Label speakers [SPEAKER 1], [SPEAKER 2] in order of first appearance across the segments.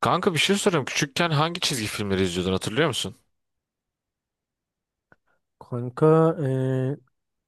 [SPEAKER 1] Kanka bir şey sorayım. Küçükken hangi çizgi filmleri izliyordun, hatırlıyor musun?
[SPEAKER 2] Kanka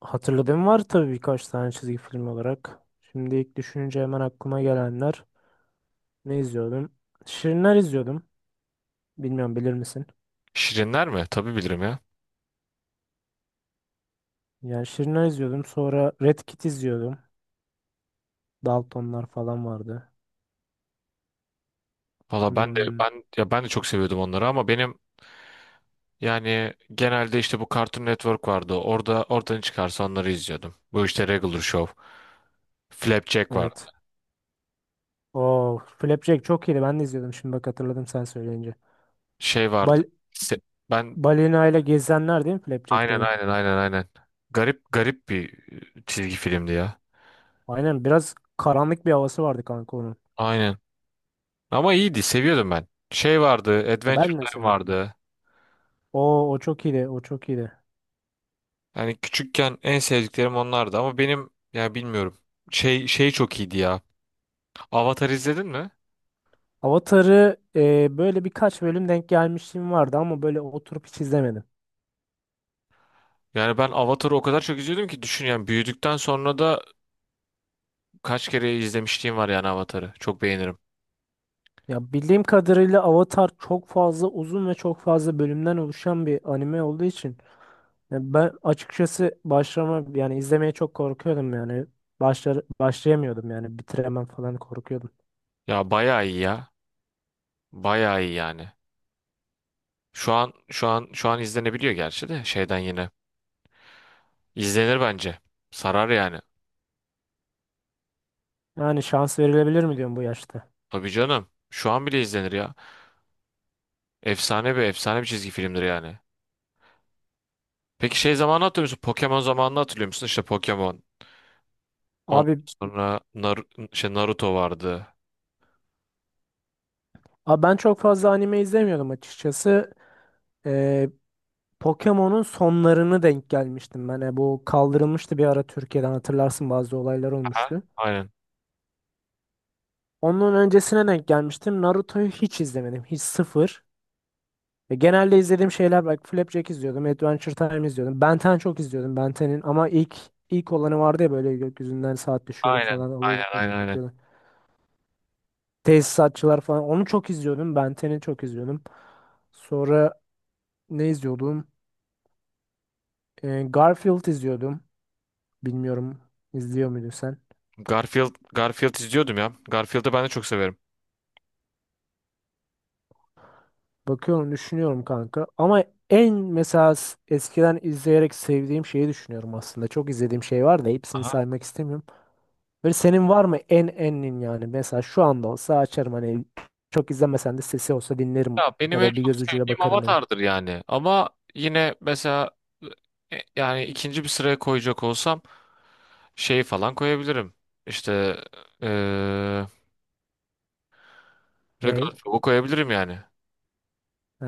[SPEAKER 2] hatırladığım var tabii birkaç tane çizgi film olarak. Şimdi ilk düşününce hemen aklıma gelenler ne izliyordum? Şirinler izliyordum. Bilmiyorum bilir misin?
[SPEAKER 1] Şirinler mi? Tabii bilirim ya.
[SPEAKER 2] Yani Şirinler izliyordum. Sonra Red Kit izliyordum. Daltonlar falan vardı.
[SPEAKER 1] Valla ben de
[SPEAKER 2] Hmm,
[SPEAKER 1] ben de çok seviyordum onları ama benim yani genelde işte bu Cartoon Network vardı. Oradan çıkarsa onları izliyordum. Bu işte Regular Show, Flapjack vardı.
[SPEAKER 2] evet. Oo, Flapjack çok iyiydi. Ben de izliyordum. Şimdi bak hatırladım sen söyleyince.
[SPEAKER 1] Şey vardı.
[SPEAKER 2] Bal
[SPEAKER 1] Se- ben
[SPEAKER 2] balina ile gezenler değil mi Flapjack
[SPEAKER 1] aynen
[SPEAKER 2] dedi?
[SPEAKER 1] aynen aynen aynen. Garip garip bir çizgi filmdi ya.
[SPEAKER 2] Aynen, biraz karanlık bir havası vardı kanka onun.
[SPEAKER 1] Aynen. Ama iyiydi, seviyordum ben. Şey vardı,
[SPEAKER 2] Ya
[SPEAKER 1] Adventure
[SPEAKER 2] ben de
[SPEAKER 1] Time
[SPEAKER 2] seviyorum.
[SPEAKER 1] vardı.
[SPEAKER 2] O çok iyiydi. O çok iyiydi.
[SPEAKER 1] Yani küçükken en sevdiklerim onlardı ama benim ya bilmiyorum. Şey çok iyiydi ya. Avatar izledin mi?
[SPEAKER 2] Avatar'ı böyle birkaç bölüm denk gelmişliğim vardı ama böyle oturup hiç izlemedim.
[SPEAKER 1] Yani ben Avatar'ı o kadar çok izliyordum ki düşün, yani büyüdükten sonra da kaç kere izlemişliğim var yani Avatar'ı. Çok beğenirim.
[SPEAKER 2] Ya bildiğim kadarıyla Avatar çok fazla uzun ve çok fazla bölümden oluşan bir anime olduğu için ya ben açıkçası başlama yani izlemeye çok korkuyordum yani başlar başlayamıyordum yani bitiremem falan korkuyordum.
[SPEAKER 1] Ya bayağı iyi ya. Bayağı iyi yani. Şu an izlenebiliyor gerçi de şeyden yine. İzlenir bence. Sarar yani.
[SPEAKER 2] Yani şans verilebilir mi diyorum bu yaşta.
[SPEAKER 1] Tabii canım. Şu an bile izlenir ya. Efsane bir çizgi filmdir yani. Peki şey zamanı hatırlıyor musun? Pokemon zamanını hatırlıyor musun? İşte Pokemon. Ondan
[SPEAKER 2] Abi,
[SPEAKER 1] sonra Naruto vardı.
[SPEAKER 2] abi ben çok fazla anime izlemiyordum açıkçası. Ee, Pokemon'un sonlarını denk gelmiştim ben. Bu kaldırılmıştı bir ara Türkiye'den, hatırlarsın bazı olaylar
[SPEAKER 1] Aha.
[SPEAKER 2] olmuştu.
[SPEAKER 1] Aynen.
[SPEAKER 2] Onun öncesine denk gelmiştim. Naruto'yu hiç izlemedim. Hiç, sıfır. Ve genelde izlediğim şeyler bak, Flapjack izliyordum. Adventure Time izliyordum. Ben 10 çok izliyordum, Ben 10'in ama ilk olanı vardı ya, böyle gökyüzünden saat düşüyordu
[SPEAKER 1] Aynen.
[SPEAKER 2] falan,
[SPEAKER 1] Aynen.
[SPEAKER 2] alıyordu kolu
[SPEAKER 1] Aynen. Aynen.
[SPEAKER 2] takıyordu. Tesisatçılar falan, onu çok izliyordum. Ben 10'i çok izliyordum. Sonra ne izliyordum? Garfield izliyordum. Bilmiyorum, izliyor muydun sen?
[SPEAKER 1] Garfield izliyordum ya. Garfield'ı ben de çok severim.
[SPEAKER 2] Bakıyorum, düşünüyorum kanka. Ama en mesela eskiden izleyerek sevdiğim şeyi düşünüyorum aslında. Çok izlediğim şey var da hepsini
[SPEAKER 1] Aha.
[SPEAKER 2] saymak istemiyorum. Böyle senin var mı en enin yani? Mesela şu anda olsa açarım, hani çok izlemesen de sesi olsa dinlerim
[SPEAKER 1] Ya benim
[SPEAKER 2] ya
[SPEAKER 1] en
[SPEAKER 2] da bir
[SPEAKER 1] çok
[SPEAKER 2] göz ucuyla
[SPEAKER 1] sevdiğim
[SPEAKER 2] bakarım dedin.
[SPEAKER 1] Avatar'dır yani. Ama yine mesela yani ikinci bir sıraya koyacak olsam şey falan koyabilirim. İşte eee Regular
[SPEAKER 2] Ney?
[SPEAKER 1] Show'u koyabilirim yani.
[SPEAKER 2] Ee,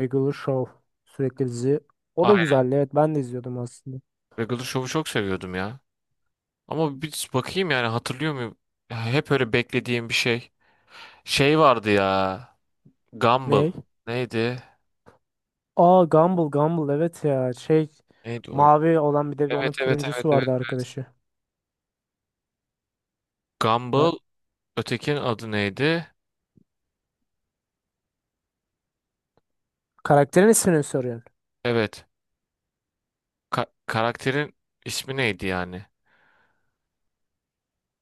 [SPEAKER 2] Regular Show, sürekli dizi. O da
[SPEAKER 1] Aynen.
[SPEAKER 2] güzeldi, evet, ben de izliyordum aslında.
[SPEAKER 1] Regular Show'u çok seviyordum ya. Ama bir bakayım yani, hatırlıyor muyum? Ya hep öyle beklediğim bir şey. Şey vardı ya. Gumball.
[SPEAKER 2] Ney?
[SPEAKER 1] Neydi?
[SPEAKER 2] Aa, Gumball, Gumball, evet ya, şey,
[SPEAKER 1] Neydi o ya?
[SPEAKER 2] mavi olan, bir de onun
[SPEAKER 1] Evet evet evet
[SPEAKER 2] turuncusu
[SPEAKER 1] evet.
[SPEAKER 2] vardı arkadaşı. Ha,
[SPEAKER 1] Gumball, ötekinin adı neydi?
[SPEAKER 2] karakterin ismini mi soruyorsun?
[SPEAKER 1] Evet. Karakterin ismi neydi yani?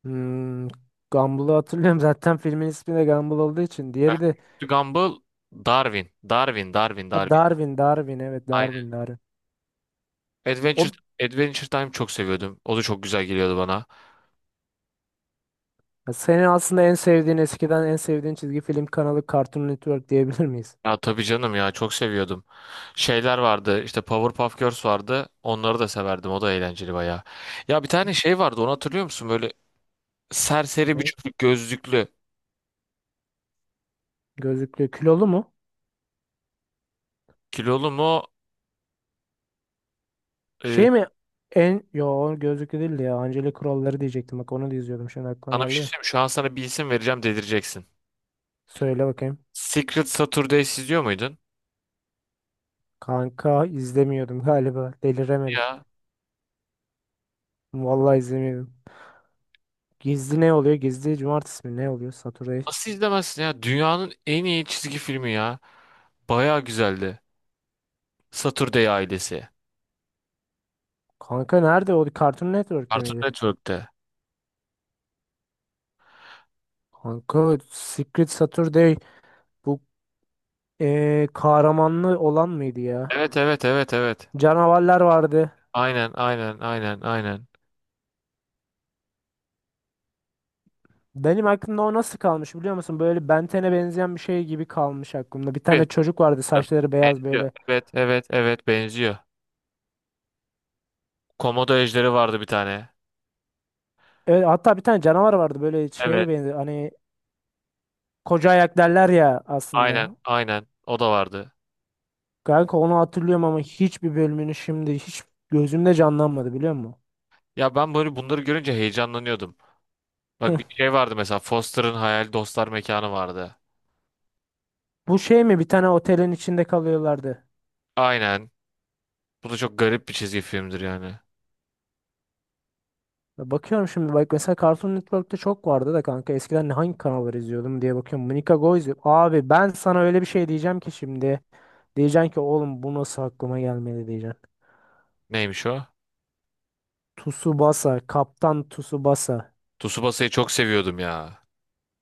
[SPEAKER 2] Hmm, Gumball'ı hatırlıyorum. Zaten filmin ismi de Gumball olduğu için. Diğeri de
[SPEAKER 1] Gumball, Darwin. Darwin, Darwin,
[SPEAKER 2] ha,
[SPEAKER 1] Darwin.
[SPEAKER 2] Darwin, Darwin. Evet,
[SPEAKER 1] Aynen.
[SPEAKER 2] Darwin, Darwin.
[SPEAKER 1] Adventure
[SPEAKER 2] O,
[SPEAKER 1] Adventure Time çok seviyordum. O da çok güzel geliyordu bana.
[SPEAKER 2] ya senin aslında en sevdiğin, eskiden en sevdiğin çizgi film kanalı Cartoon Network diyebilir miyiz?
[SPEAKER 1] Ya tabii canım ya, çok seviyordum. Şeyler vardı. İşte Powerpuff Girls vardı. Onları da severdim. O da eğlenceli bayağı. Ya bir tane şey vardı. Onu hatırlıyor musun? Böyle serseri bir
[SPEAKER 2] Ne?
[SPEAKER 1] çocuk, gözlüklü.
[SPEAKER 2] Gözlüklü, kilolu mu?
[SPEAKER 1] Kilolu mu? e,
[SPEAKER 2] Şey mi? En, yo, o gözlüklü değildi ya. Angelic Kuralları diyecektim. Bak onu da izliyordum. Şimdi aklıma
[SPEAKER 1] Sana bir
[SPEAKER 2] geldi
[SPEAKER 1] şey
[SPEAKER 2] de.
[SPEAKER 1] söyleyeyim mi? Şu an sana bir isim vereceğim, delireceksin.
[SPEAKER 2] Söyle bakayım.
[SPEAKER 1] Secret Saturdays izliyor muydun?
[SPEAKER 2] Kanka izlemiyordum galiba. Deliremedim.
[SPEAKER 1] Ya
[SPEAKER 2] Vallahi izlemiyordum. Gizli ne oluyor? Gizli cumartesi mi? Ne oluyor? Saturday,
[SPEAKER 1] nasıl izlemezsin ya? Dünyanın en iyi çizgi filmi ya. Baya güzeldi. Saturday ailesi.
[SPEAKER 2] kanka nerede? O Cartoon Network'te
[SPEAKER 1] Cartoon
[SPEAKER 2] miydi?
[SPEAKER 1] Network'te.
[SPEAKER 2] Kanka Secret Saturday, bu kahramanlı olan mıydı ya?
[SPEAKER 1] Evet evet evet evet.
[SPEAKER 2] Canavarlar vardı.
[SPEAKER 1] Aynen aynen aynen aynen.
[SPEAKER 2] Benim aklımda o nasıl kalmış biliyor musun? Böyle Ben 10'e benzeyen bir şey gibi kalmış aklımda. Bir
[SPEAKER 1] Bir-
[SPEAKER 2] tane çocuk vardı, saçları beyaz
[SPEAKER 1] Benziyor.
[SPEAKER 2] böyle.
[SPEAKER 1] Evet evet evet, benziyor. Komodo ejderi vardı bir tane.
[SPEAKER 2] Evet, hatta bir tane canavar vardı, böyle
[SPEAKER 1] Evet,
[SPEAKER 2] şeye benziyor. Hani koca ayak derler ya
[SPEAKER 1] aynen
[SPEAKER 2] aslında.
[SPEAKER 1] aynen, o da vardı.
[SPEAKER 2] Kanka onu hatırlıyorum ama hiçbir bölümünü şimdi hiç gözümde canlanmadı, biliyor musun?
[SPEAKER 1] Ya ben böyle bunları görünce heyecanlanıyordum. Bak bir şey vardı mesela, Foster'ın Hayal Dostlar Mekanı vardı.
[SPEAKER 2] Bu şey mi? Bir tane otelin içinde kalıyorlardı.
[SPEAKER 1] Aynen. Bu da çok garip bir çizgi filmdir yani.
[SPEAKER 2] Ya, bakıyorum şimdi, bak, mesela Cartoon Network'te çok vardı da kanka, eskiden hangi kanalları izliyordum diye bakıyorum. Monica Go izliyorum. Abi ben sana öyle bir şey diyeceğim ki şimdi. Diyeceksin ki oğlum bu nasıl aklıma gelmedi diyeceksin.
[SPEAKER 1] Neymiş o?
[SPEAKER 2] Tsubasa, Kaptan Tsubasa.
[SPEAKER 1] Tsubasa'yı çok seviyordum ya.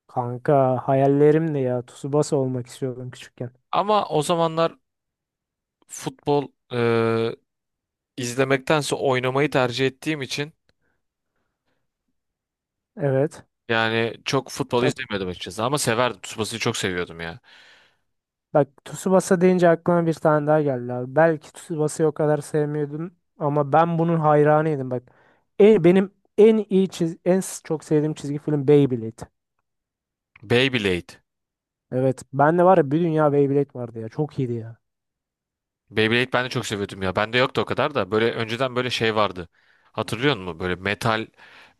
[SPEAKER 2] Kanka hayallerimdi ya. Tsubasa olmak istiyordum küçükken.
[SPEAKER 1] Ama o zamanlar futbol izlemektense oynamayı tercih ettiğim için
[SPEAKER 2] Evet.
[SPEAKER 1] yani çok futbol
[SPEAKER 2] Çok,
[SPEAKER 1] izlemiyordum açıkçası. Ama severdim. Tsubasa'yı çok seviyordum ya.
[SPEAKER 2] bak, Tsubasa deyince aklıma bir tane daha geldi abi. Belki Tsubasa'yı o kadar sevmiyordum ama ben bunun hayranıydım bak. Benim en iyi çiz en çok sevdiğim çizgi film Beyblade.
[SPEAKER 1] Beyblade.
[SPEAKER 2] Evet. Ben de var ya, bir dünya Beyblade vardı ya. Çok iyiydi ya.
[SPEAKER 1] Beyblade ben de çok seviyordum ya. Bende yoktu o kadar da. Böyle önceden böyle şey vardı. Hatırlıyor musun? Böyle metal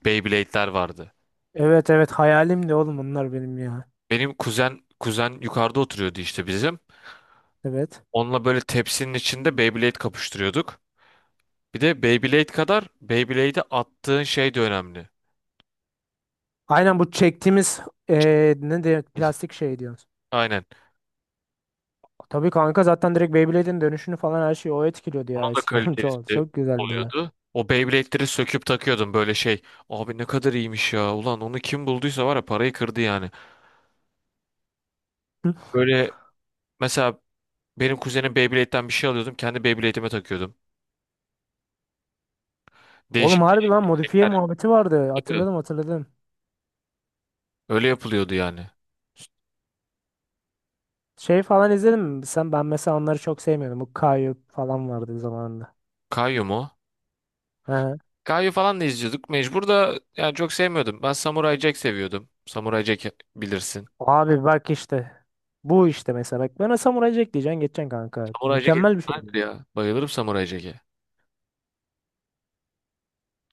[SPEAKER 1] Beyblade'ler vardı.
[SPEAKER 2] Evet, evet, hayalim de oğlum bunlar benim ya.
[SPEAKER 1] Benim kuzen yukarıda oturuyordu işte bizim.
[SPEAKER 2] Evet.
[SPEAKER 1] Onunla böyle tepsinin içinde Beyblade kapıştırıyorduk. Bir de Beyblade kadar Beyblade'e attığın şey de önemli.
[SPEAKER 2] Aynen, bu çektiğimiz ne de
[SPEAKER 1] Şey,
[SPEAKER 2] plastik şey diyorsun.
[SPEAKER 1] aynen.
[SPEAKER 2] Tabii kanka, zaten direkt Beyblade'in dönüşünü falan her şeyi o etkiliyordu
[SPEAKER 1] Onun
[SPEAKER 2] ya
[SPEAKER 1] da
[SPEAKER 2] eskiden.
[SPEAKER 1] kalitesi
[SPEAKER 2] Çok çok güzeldi ya.
[SPEAKER 1] oluyordu. O Beyblade'leri söküp takıyordum böyle şey. Abi ne kadar iyiymiş ya. Ulan onu kim bulduysa var ya, parayı kırdı yani. Böyle mesela benim kuzenim Beyblade'den bir şey alıyordum. Kendi Beyblade'ime takıyordum. Değişik
[SPEAKER 2] Oğlum harbi lan
[SPEAKER 1] bir
[SPEAKER 2] modifiye muhabbeti vardı.
[SPEAKER 1] tercih.
[SPEAKER 2] Hatırladım.
[SPEAKER 1] Öyle yapılıyordu yani.
[SPEAKER 2] Ş- Şey falan izledim mi? Sen, ben mesela onları çok sevmiyordum. Bu Kayu falan vardı zamanında.
[SPEAKER 1] Kayu mu?
[SPEAKER 2] He.
[SPEAKER 1] Kayu falan da izliyorduk. Mecbur da yani, çok sevmiyordum. Ben Samurai Jack seviyordum. Samurai Jack bilirsin.
[SPEAKER 2] Abi bak işte. Bu işte mesela bak, bana Samurai Jack diyeceksin geçeceksin kanka.
[SPEAKER 1] Samurai Jack
[SPEAKER 2] Mükemmel bir
[SPEAKER 1] efsanedir
[SPEAKER 2] şeydi.
[SPEAKER 1] ya. Bayılırım Samurai Jack'e.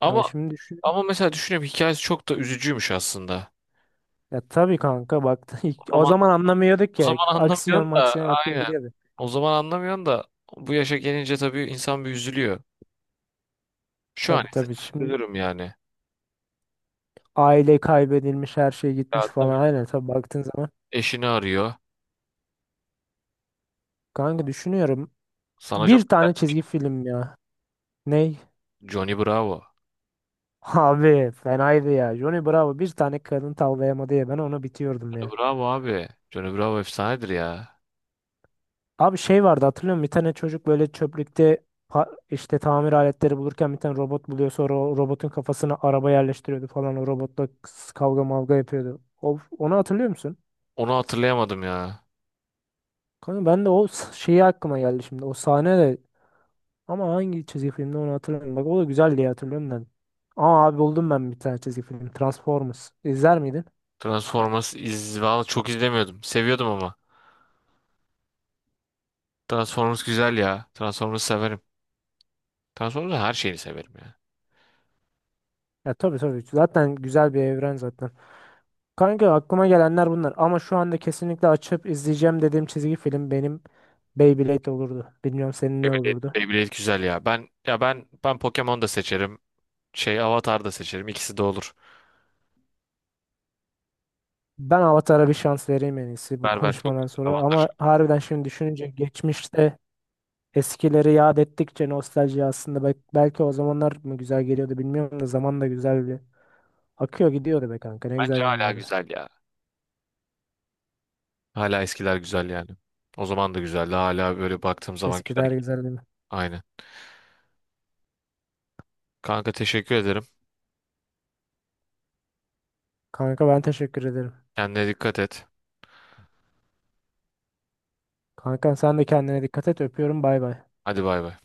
[SPEAKER 1] Ama
[SPEAKER 2] Ya şimdi düşün.
[SPEAKER 1] Ama mesela düşünüyorum, hikayesi çok da üzücüymüş aslında.
[SPEAKER 2] Ya tabii kanka bak,
[SPEAKER 1] O
[SPEAKER 2] o
[SPEAKER 1] zaman
[SPEAKER 2] zaman anlamıyorduk
[SPEAKER 1] o
[SPEAKER 2] ya.
[SPEAKER 1] zaman
[SPEAKER 2] Aksiyon
[SPEAKER 1] anlamıyorsun da
[SPEAKER 2] maksiyon akıyor
[SPEAKER 1] aynen.
[SPEAKER 2] gidiyordu.
[SPEAKER 1] O zaman anlamıyorsun da bu yaşa gelince tabii insan bir üzülüyor. Şu an
[SPEAKER 2] Tabii,
[SPEAKER 1] ise
[SPEAKER 2] tabii,
[SPEAKER 1] çok
[SPEAKER 2] şimdi
[SPEAKER 1] üzülürüm yani.
[SPEAKER 2] aile kaybedilmiş, her şey gitmiş
[SPEAKER 1] Ya
[SPEAKER 2] falan,
[SPEAKER 1] tabii,
[SPEAKER 2] aynen, tabii baktığın zaman.
[SPEAKER 1] eşini arıyor.
[SPEAKER 2] Kanka düşünüyorum
[SPEAKER 1] Sana çok
[SPEAKER 2] bir tane çizgi film ya. Ney?
[SPEAKER 1] Johnny Bravo.
[SPEAKER 2] Abi fenaydı ya. Johnny Bravo bir tane kadın tavlayamadı ya, ben onu bitiyordum
[SPEAKER 1] Johnny
[SPEAKER 2] ya.
[SPEAKER 1] Bravo abi. Johnny Bravo efsanedir ya.
[SPEAKER 2] Abi şey vardı hatırlıyor musun? Bir tane çocuk böyle çöplükte işte tamir aletleri bulurken bir tane robot buluyor, sonra o robotun kafasına araba yerleştiriyordu falan, o robotla kavga mavga yapıyordu. O, onu hatırlıyor musun?
[SPEAKER 1] Onu hatırlayamadım ya.
[SPEAKER 2] Kanka ben de o şeyi aklıma geldi şimdi o sahne de, ama hangi çizgi filmde onu hatırlamıyorum. Bak o da güzel diye hatırlıyorum ben. Aa abi, buldum ben bir tane çizgi film, Transformers. İzler miydin?
[SPEAKER 1] Transformers iz Vallahi çok izlemiyordum. Seviyordum ama. Transformers güzel ya. Transformers severim. Transformers her şeyini severim ya.
[SPEAKER 2] Ya tabii, tabii. Zaten güzel bir evren zaten. Kanka aklıma gelenler bunlar. Ama şu anda kesinlikle açıp izleyeceğim dediğim çizgi film benim Beyblade olurdu. Bilmiyorum senin ne
[SPEAKER 1] Beyblade,
[SPEAKER 2] olurdu.
[SPEAKER 1] Beyblade güzel ya. Ben ya ben Pokemon da seçerim. Şey, Avatar da seçerim. İkisi de olur.
[SPEAKER 2] Ben Avatar'a bir şans vereyim, en iyisi, bu
[SPEAKER 1] Berber çok
[SPEAKER 2] konuşmadan
[SPEAKER 1] güzel
[SPEAKER 2] sonra.
[SPEAKER 1] Avatar.
[SPEAKER 2] Ama harbiden şimdi düşününce geçmişte eskileri yad ettikçe nostalji aslında belki o zamanlar mı güzel geliyordu bilmiyorum da, zaman da güzel bir akıyor gidiyordu be kanka, ne güzel
[SPEAKER 1] Bence hala
[SPEAKER 2] günlerdi.
[SPEAKER 1] güzel ya. Hala eskiler güzel yani. O zaman da güzeldi. Hala böyle baktığım zaman güzel.
[SPEAKER 2] Eskiler güzeldi.
[SPEAKER 1] Aynı. Kanka teşekkür ederim.
[SPEAKER 2] Kanka ben teşekkür ederim.
[SPEAKER 1] Kendine dikkat et.
[SPEAKER 2] Kanka sen de kendine dikkat et, öpüyorum, bay bay.
[SPEAKER 1] Hadi bay bay.